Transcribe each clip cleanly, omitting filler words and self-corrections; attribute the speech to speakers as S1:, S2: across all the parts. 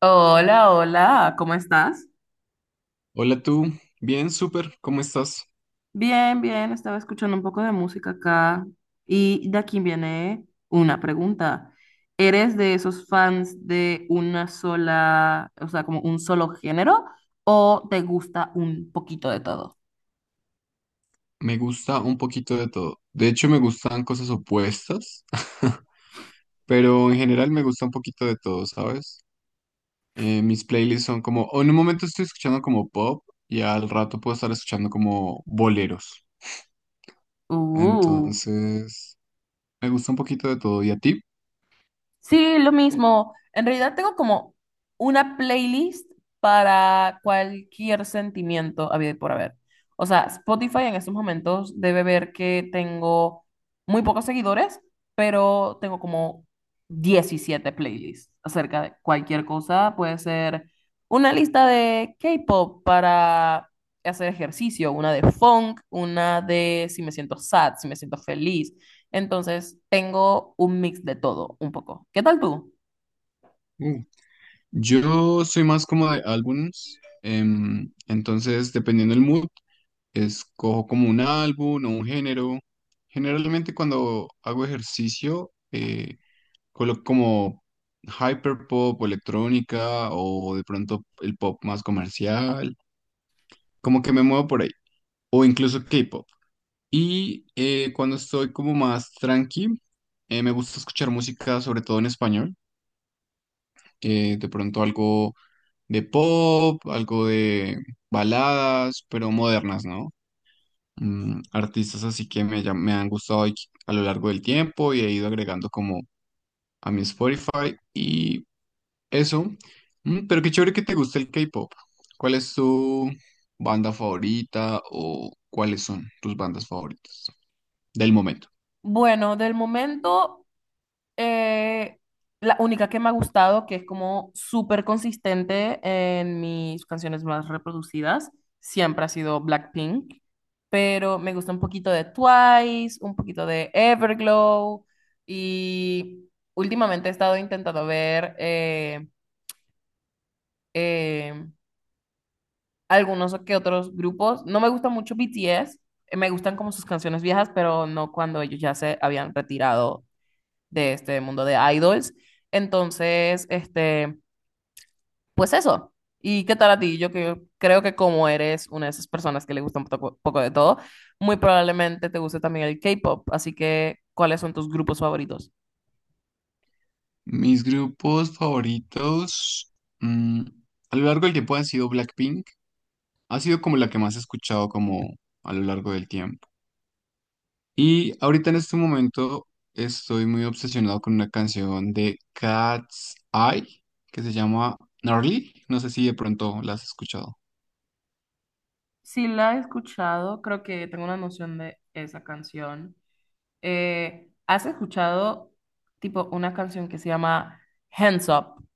S1: Hola, hola, ¿cómo estás?
S2: Hola tú, bien, súper, ¿cómo estás?
S1: Bien, bien, estaba escuchando un poco de música acá y de aquí viene una pregunta. ¿Eres de esos fans de una sola, o sea, como un solo género o te gusta un poquito de todo?
S2: Me gusta un poquito de todo. De hecho, me gustan cosas opuestas, pero en general me gusta un poquito de todo, ¿sabes? Mis playlists son como, o en un momento estoy escuchando como pop y al rato puedo estar escuchando como boleros.
S1: Uh.
S2: Entonces, me gusta un poquito de todo. ¿Y a ti?
S1: Sí, lo mismo. En realidad tengo como una playlist para cualquier sentimiento habido y por haber. O sea, Spotify en estos momentos debe ver que tengo muy pocos seguidores, pero tengo como 17 playlists acerca de cualquier cosa. Puede ser una lista de K-pop para hacer ejercicio, una de funk, una de si me siento sad, si me siento feliz entonces, tengo un mix de todo, un poco. ¿Qué tal tú?
S2: Yo soy más como de álbumes, entonces dependiendo del mood, escojo como un álbum o un género. Generalmente cuando hago ejercicio, coloco como hyperpop o electrónica o de pronto el pop más comercial, como que me muevo por ahí, o incluso K-pop. Y cuando estoy como más tranqui, me gusta escuchar música sobre todo en español, de pronto algo de pop, algo de baladas, pero modernas, ¿no? Artistas así que me han gustado y a lo largo del tiempo y he ido agregando como a mi Spotify y eso. Pero qué chévere que te guste el K-pop. ¿Cuál es tu banda favorita o cuáles son tus bandas favoritas del momento?
S1: Bueno, del momento, eh, la única que me ha gustado, que es como súper consistente en mis canciones más reproducidas, siempre ha sido Blackpink, pero me gusta un poquito de Twice, un poquito de Everglow y últimamente he estado intentando ver eh, algunos que otros grupos. No me gusta mucho BTS, me gustan como sus canciones viejas, pero no cuando ellos ya se habían retirado de este mundo de idols. Entonces, este, pues eso. ¿Y qué tal a ti? Yo que, creo que como eres una de esas personas que le gusta un poco, poco de todo, muy probablemente te guste también el K-pop. Así que, ¿cuáles son tus grupos favoritos?
S2: Mis grupos favoritos mm, a lo largo del tiempo han sido Blackpink. Ha sido como la que más he escuchado como a lo largo del tiempo. Y ahorita en este momento estoy muy obsesionado con una canción de Cat's Eye que se llama Gnarly. No sé si de pronto la has escuchado.
S1: Sí, la he escuchado, creo que tengo una noción de esa canción. ¿Has escuchado tipo una canción que se llama Hands Up?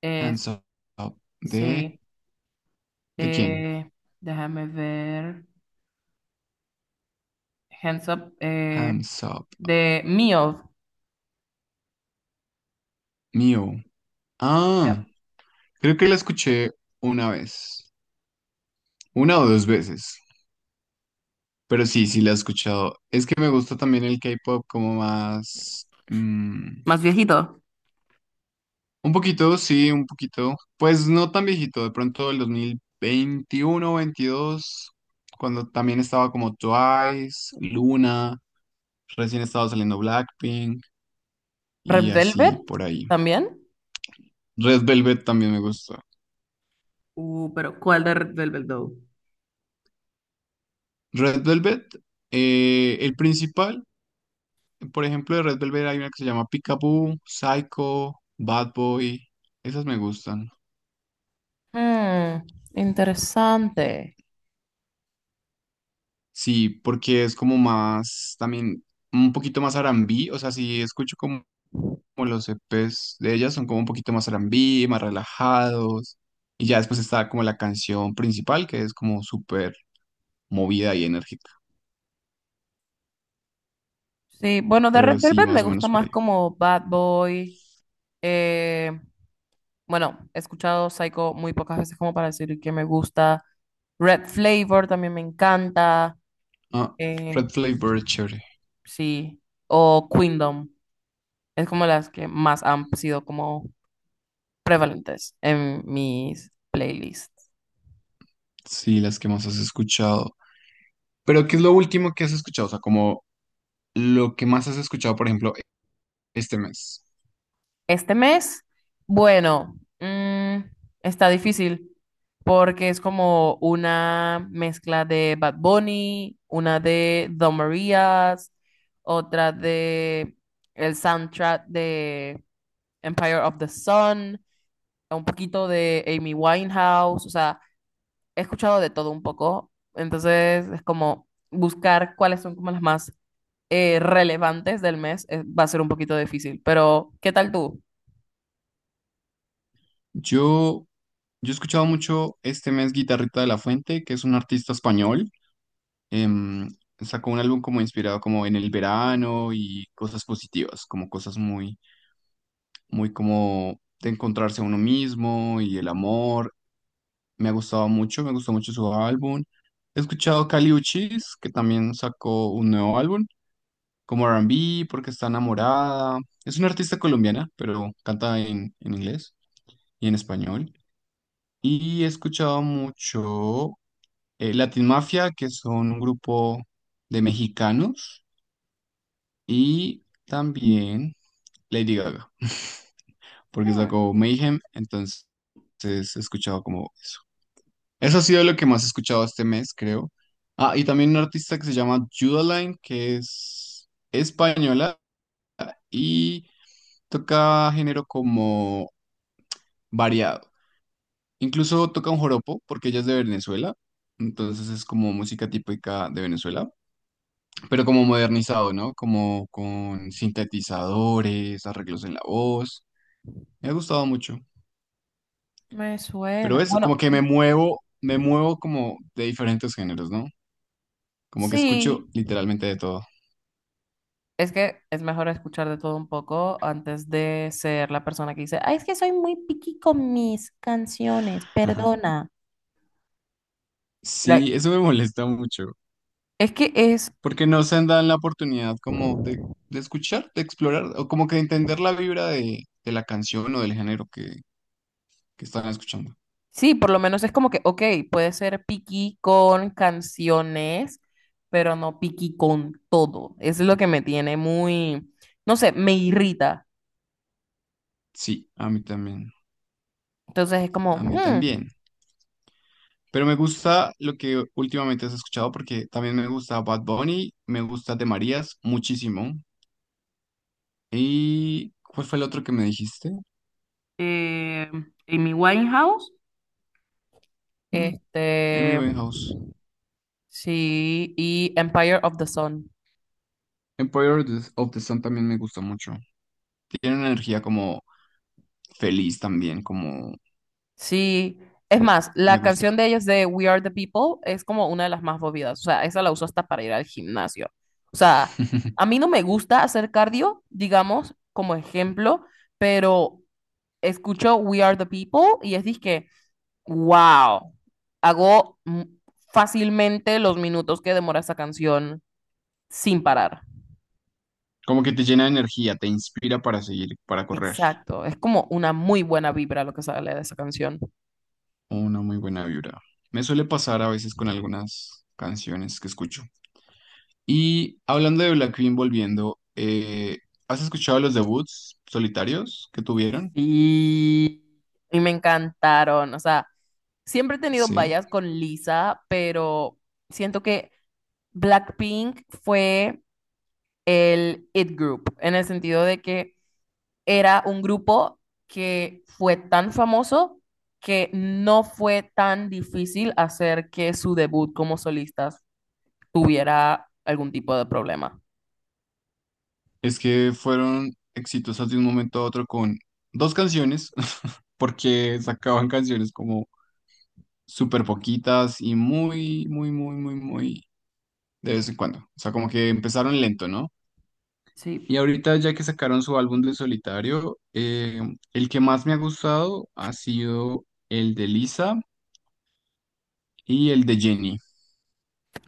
S1: Es,
S2: Hands Up. ¿De,
S1: sí,
S2: de quién?
S1: eh, déjame ver. Hands Up,
S2: Hands Up.
S1: de Mio,
S2: Mío. Ah,
S1: ya.
S2: creo que la escuché una vez. Una o dos veces. Pero sí, sí la he escuchado. Es que me gusta también el K-pop como más.
S1: Más viejito.
S2: Un poquito, sí, un poquito. Pues no tan viejito, de pronto el 2021 22 cuando también estaba como Twice, Luna, recién estaba saliendo Blackpink
S1: Red
S2: y así
S1: Velvet
S2: por ahí.
S1: también.
S2: Red Velvet también me gusta.
S1: Pero ¿cuál de Red Velvet Doe?
S2: Red Velvet, el principal, por ejemplo, de Red Velvet hay una que se llama Peekaboo, Psycho, Bad Boy, esas me gustan.
S1: Mm, interesante.
S2: Sí, porque es como más, también un poquito más R&B, o sea, sí escucho como como los EPs de ellas son como un poquito más R&B, más relajados. Y ya después está como la canción principal, que es como súper movida y enérgica.
S1: Sí, bueno, de Red
S2: Pero sí,
S1: Velvet me
S2: más o
S1: gusta
S2: menos por
S1: más
S2: ahí.
S1: como Bad Boy. eh, Bueno, he escuchado Psycho muy pocas veces como para decir que me gusta. Red Flavor también me encanta.
S2: Ah,
S1: eh,
S2: Red Flavor, chévere.
S1: sí. O Queendom. Es como las que más han sido como prevalentes en mis playlists.
S2: Sí, las que más has escuchado. Pero, ¿qué es lo último que has escuchado? O sea, como lo que más has escuchado, por ejemplo, este mes.
S1: Este mes, bueno, está difícil porque es como una mezcla de Bad Bunny, una de Don Marías, otra de el soundtrack de Empire of the Sun, un poquito de Amy Winehouse, o sea, he escuchado de todo un poco, entonces es como buscar cuáles son como las más relevantes del mes, va a ser un poquito difícil, pero ¿qué tal tú?
S2: Yo, yo he escuchado mucho este mes Guitarrita de la Fuente, que es un artista español em, sacó un álbum como inspirado como en el verano y cosas positivas, como cosas muy, muy como de encontrarse a uno mismo y el amor. Me ha gustado mucho, me gustó mucho su álbum. He escuchado Kali Uchis, que también sacó un nuevo álbum, como R&B, porque está enamorada. Es una artista colombiana, pero canta en inglés y en español. Y he escuchado mucho Latin Mafia, que son un grupo de mexicanos. Y también Lady Gaga, porque
S1: Hmm.
S2: sacó Mayhem, entonces he escuchado como eso. Eso ha sido lo que más he escuchado este mes, creo. Ah, y también una artista que se llama Judaline, que es española y toca género como variado. Incluso toca un joropo, porque ella es de Venezuela, entonces es como música típica de Venezuela, pero como modernizado, ¿no? Como con sintetizadores, arreglos en la voz. Me ha gustado mucho.
S1: Me suena.
S2: Pero es
S1: Bueno,
S2: como que me muevo como de diferentes géneros, ¿no? Como que escucho
S1: sí,
S2: literalmente de todo.
S1: es que es mejor escuchar de todo un poco antes de ser la persona que dice, ay, es que soy muy picky con mis canciones,
S2: Ajá.
S1: perdona. Like,
S2: Sí, eso me molesta mucho,
S1: es que es,
S2: porque no se dan la oportunidad como de escuchar, de explorar, o como que de entender la vibra de la canción o del género que están escuchando.
S1: sí, por lo menos es como que, ok, puede ser picky con canciones, pero no picky con todo. Eso es lo que me tiene muy, no sé, me irrita.
S2: Sí, a mí también,
S1: Entonces es como,
S2: a mí también. Pero me gusta lo que últimamente has escuchado, porque también me gusta Bad Bunny, me gusta De Marías muchísimo. ¿Y cuál fue el otro que me dijiste?
S1: eh, Amy Winehouse,
S2: Mm, Amy
S1: este.
S2: Winehouse.
S1: Sí, y Empire of the Sun.
S2: Empire of the Sun también me gusta mucho. Tiene una energía como feliz también, como
S1: Sí, es más,
S2: me
S1: la
S2: gusta.
S1: canción de ellos de We Are the People es como una de las más movidas. O sea, esa la uso hasta para ir al gimnasio. O sea, a mí no me gusta hacer cardio, digamos, como ejemplo, pero escucho We Are the People y es que, wow, hago fácilmente los minutos que demora esa canción sin parar.
S2: Como que te llena de energía, te inspira para seguir, para correr.
S1: Exacto, es como una muy buena vibra lo que sale de esa canción.
S2: Una muy buena vibra. Me suele pasar a veces con algunas canciones que escucho. Y hablando de Blackpink volviendo, ¿has escuchado los debuts solitarios que tuvieron?
S1: Y, y me encantaron. O sea, siempre he tenido
S2: Sí.
S1: vallas con Lisa, pero siento que Blackpink fue el it group, en el sentido de que era un grupo que fue tan famoso que no fue tan difícil hacer que su debut como solistas tuviera algún tipo de problema.
S2: Es que fueron exitosas de un momento a otro con dos canciones, porque sacaban canciones como súper poquitas y muy, muy, muy, muy, muy de vez en cuando. O sea, como que empezaron lento, ¿no?
S1: Sí,
S2: Y ahorita ya que sacaron su álbum de solitario, el que más me ha gustado ha sido el de Lisa y el de Jenny.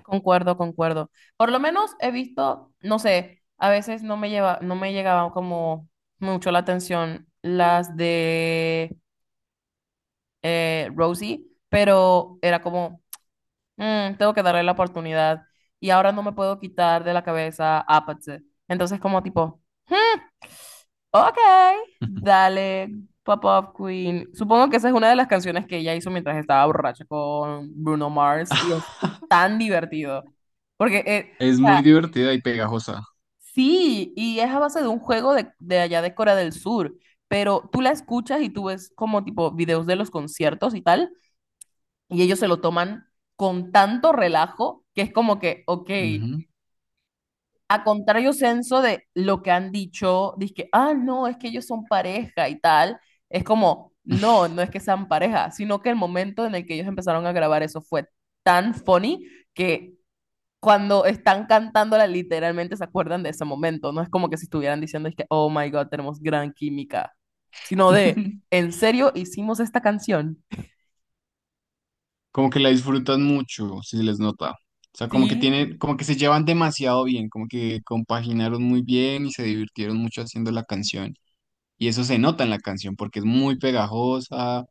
S1: concuerdo, concuerdo. Por lo menos he visto, no sé, a veces no me llegaba como mucho la atención las de Rosie, pero era como, "Mm, tengo que darle la oportunidad y ahora no me puedo quitar de la cabeza Apathy". Entonces como tipo, "Hmm, ok, dale, Pop-Up Queen". Supongo que esa es una de las canciones que ella hizo mientras estaba borracha con Bruno Mars y es tan divertido. Porque,
S2: Es
S1: o sea,
S2: muy divertida y pegajosa.
S1: sí, y es a base de un juego de allá de Corea del Sur, pero tú la escuchas y tú ves como tipo videos de los conciertos y tal, y ellos se lo toman con tanto relajo que es como que, ok,
S2: Ujú.
S1: a contrario senso de lo que han dicho, que ah, no, es que ellos son pareja y tal, es como, no, no es que sean pareja, sino que el momento en el que ellos empezaron a grabar eso fue tan funny que cuando están cantándola, literalmente se acuerdan de ese momento. No es como que si estuvieran diciendo, es que, oh my God, tenemos gran química, sino de, ¿en serio hicimos esta canción?
S2: Como que la disfrutan mucho, si se les nota. O sea, como que tienen,
S1: Sí,
S2: como que se llevan demasiado bien, como que compaginaron muy bien y se divirtieron mucho haciendo la canción. Y eso se nota en la canción porque es muy pegajosa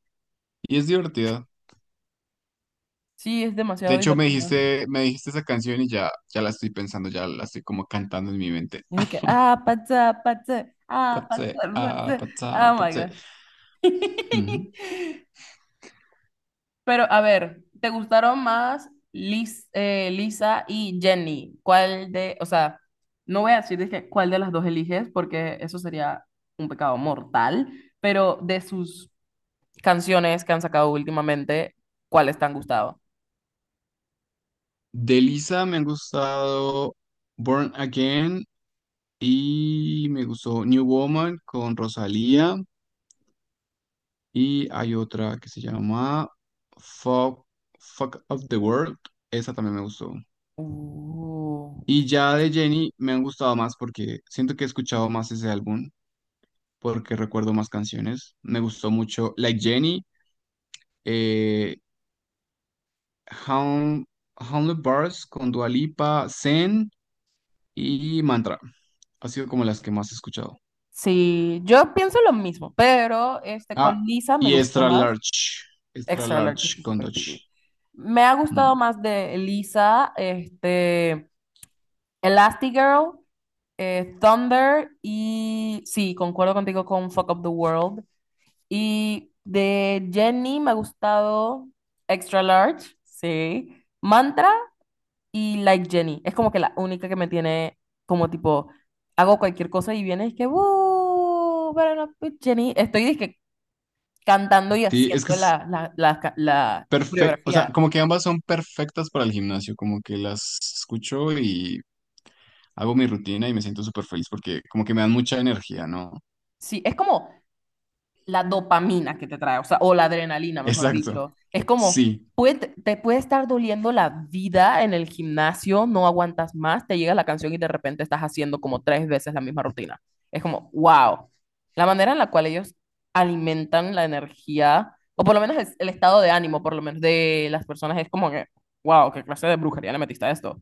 S2: y es divertida.
S1: sí, es
S2: De
S1: demasiado
S2: hecho, me
S1: divertida.
S2: dijiste, me dijiste esa canción y ya la estoy pensando, ya la estoy como cantando en mi mente.
S1: Es de que, ah,
S2: Patse,
S1: pata,
S2: ah,
S1: pata,
S2: patsa,
S1: oh my
S2: patse.
S1: God.
S2: Ujú.
S1: Pero a ver, ¿te gustaron más Lisa y Jenny? ¿Cuál de, o sea, no voy a decir de que- cuál de las dos eliges porque eso sería un pecado mortal, pero de sus canciones que han sacado últimamente, ¿cuáles te han gustado?
S2: De Lisa me han gustado Born Again y me gustó New Woman con Rosalía. Y hay otra que se llama Fuck, Fuck of the World. Esa también me gustó.
S1: Uh,
S2: Y ya de Jenny me han gustado más porque siento que he escuchado más ese álbum, porque recuerdo más canciones. Me gustó mucho Like Jenny, eh, Hound, Hounded Bars con Dua Lipa, Zen y Mantra. Ha sido como las que más he escuchado.
S1: Sí, yo pienso lo mismo, pero este, con
S2: Ah,
S1: Lisa me
S2: y
S1: gustó
S2: Extra
S1: más.
S2: Large, Extra
S1: Extra Large está
S2: Large con
S1: súper pipí.
S2: Dochi.
S1: Me ha gustado
S2: Mm.
S1: más de Lisa, este, Elastigirl. Thunder y sí, concuerdo contigo con Fuck Up the World. Y de Jenny me ha gustado Extra Large, sí. Mantra y Like Jenny. Es como que la única que me tiene como tipo, hago cualquier cosa y viene y es que, "Woo, pero no, pues, Jenny". Estoy dizque cantando y
S2: Sí, es que
S1: haciendo
S2: es
S1: la, la, la, la
S2: perfecto, o sea,
S1: coreografía.
S2: como que ambas son perfectas para el gimnasio, como que las escucho y hago mi rutina y me siento súper feliz porque como que me dan mucha energía, ¿no?
S1: Sí, es como, la dopamina que te trae, o sea, o la adrenalina, mejor
S2: Exacto,
S1: dicho. Es como,
S2: sí,
S1: te puede estar doliendo la vida en el gimnasio, no aguantas más, te llega la canción y de repente estás haciendo como tres veces la misma rutina. Es como, wow. La manera en la cual ellos alimentan la energía, o por lo menos el estado de ánimo, por lo menos de las personas, es como que, wow, qué clase de brujería le metiste a esto.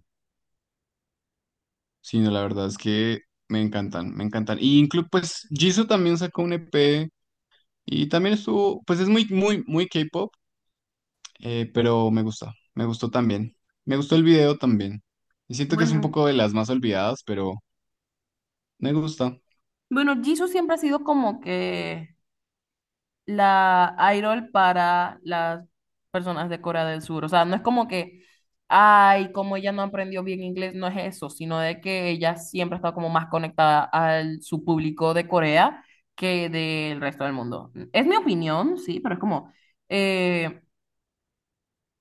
S2: sí, no, la verdad es que me encantan, me encantan. Y incluso, pues, Jisoo también sacó un EP y también estuvo, pues es muy, muy, muy K-pop, pero me gusta, me gustó también. Me gustó el video también. Y siento que es un
S1: Bueno,
S2: poco de las más olvidadas, pero me gusta.
S1: bueno, Jisoo siempre ha sido como que la idol para las personas de Corea del Sur. O sea, no es como que, ay, como ella no aprendió bien inglés, no es eso, sino de que ella siempre ha estado como más conectada a su público de Corea que del resto del mundo. Es mi opinión, sí, pero es como, eh,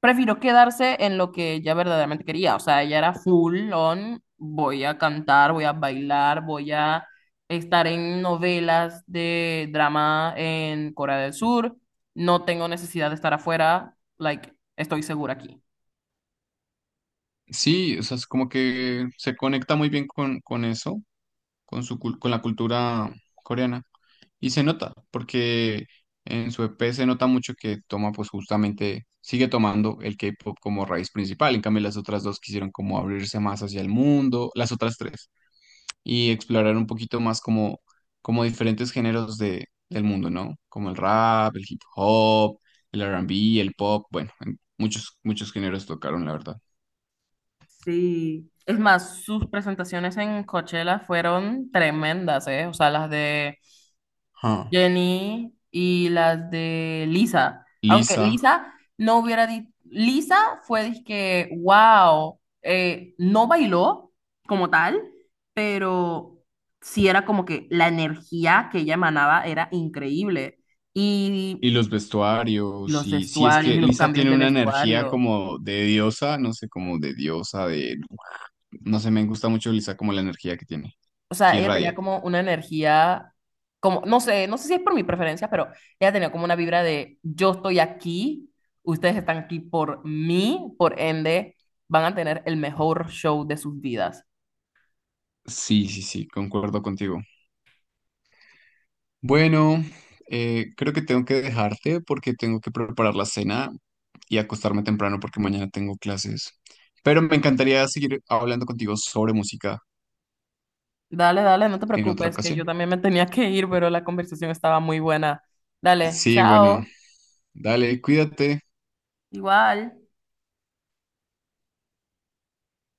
S1: prefirió quedarse en lo que ella verdaderamente quería. O sea, ella era full on, voy a cantar, voy a bailar, voy a estar en novelas de drama en Corea del Sur. No tengo necesidad de estar afuera, like, estoy segura aquí.
S2: Sí, o sea, es como que se conecta muy bien con, eso, con la cultura coreana. Y se nota, porque en su EP se nota mucho que toma, pues justamente, sigue tomando el K-pop como raíz principal. En cambio, las otras dos quisieron como abrirse más hacia el mundo, las otras tres, y explorar un poquito más como, como diferentes géneros del mundo, ¿no? Como el rap, el hip hop, el R&B, el pop, bueno, en muchos, muchos géneros tocaron, la verdad.
S1: Sí. Es más, sus presentaciones en Coachella fueron tremendas, ¿eh? O sea, las de
S2: Ah,
S1: Jenny y las de Lisa. Aunque
S2: Lisa.
S1: Lisa no hubiera dicho, Lisa fue que, wow, no bailó como tal, pero sí era como que la energía que ella emanaba era increíble.
S2: Y
S1: Y
S2: los vestuarios,
S1: los
S2: y sí, es
S1: vestuarios
S2: que
S1: y los
S2: Lisa
S1: cambios
S2: tiene
S1: de
S2: una energía
S1: vestuario.
S2: como de diosa, no sé, como de diosa, de No sé, me gusta mucho Lisa como la energía que tiene,
S1: O
S2: que
S1: sea, ella tenía
S2: irradia.
S1: como una energía, como, no sé, no sé si es por mi preferencia, pero ella tenía como una vibra de yo estoy aquí, ustedes están aquí por mí, por ende, van a tener el mejor show de sus vidas.
S2: Sí, sí, sí, concuerdo contigo. Bueno, creo que tengo que dejarte porque tengo que preparar la cena y acostarme temprano porque mañana tengo clases. Pero me encantaría seguir hablando contigo sobre música
S1: Dale, dale, no te
S2: en otra
S1: preocupes, que yo
S2: ocasión.
S1: también me tenía que ir, pero la conversación estaba muy buena. Dale,
S2: Sí, bueno,
S1: chao.
S2: dale, cuídate.
S1: Igual.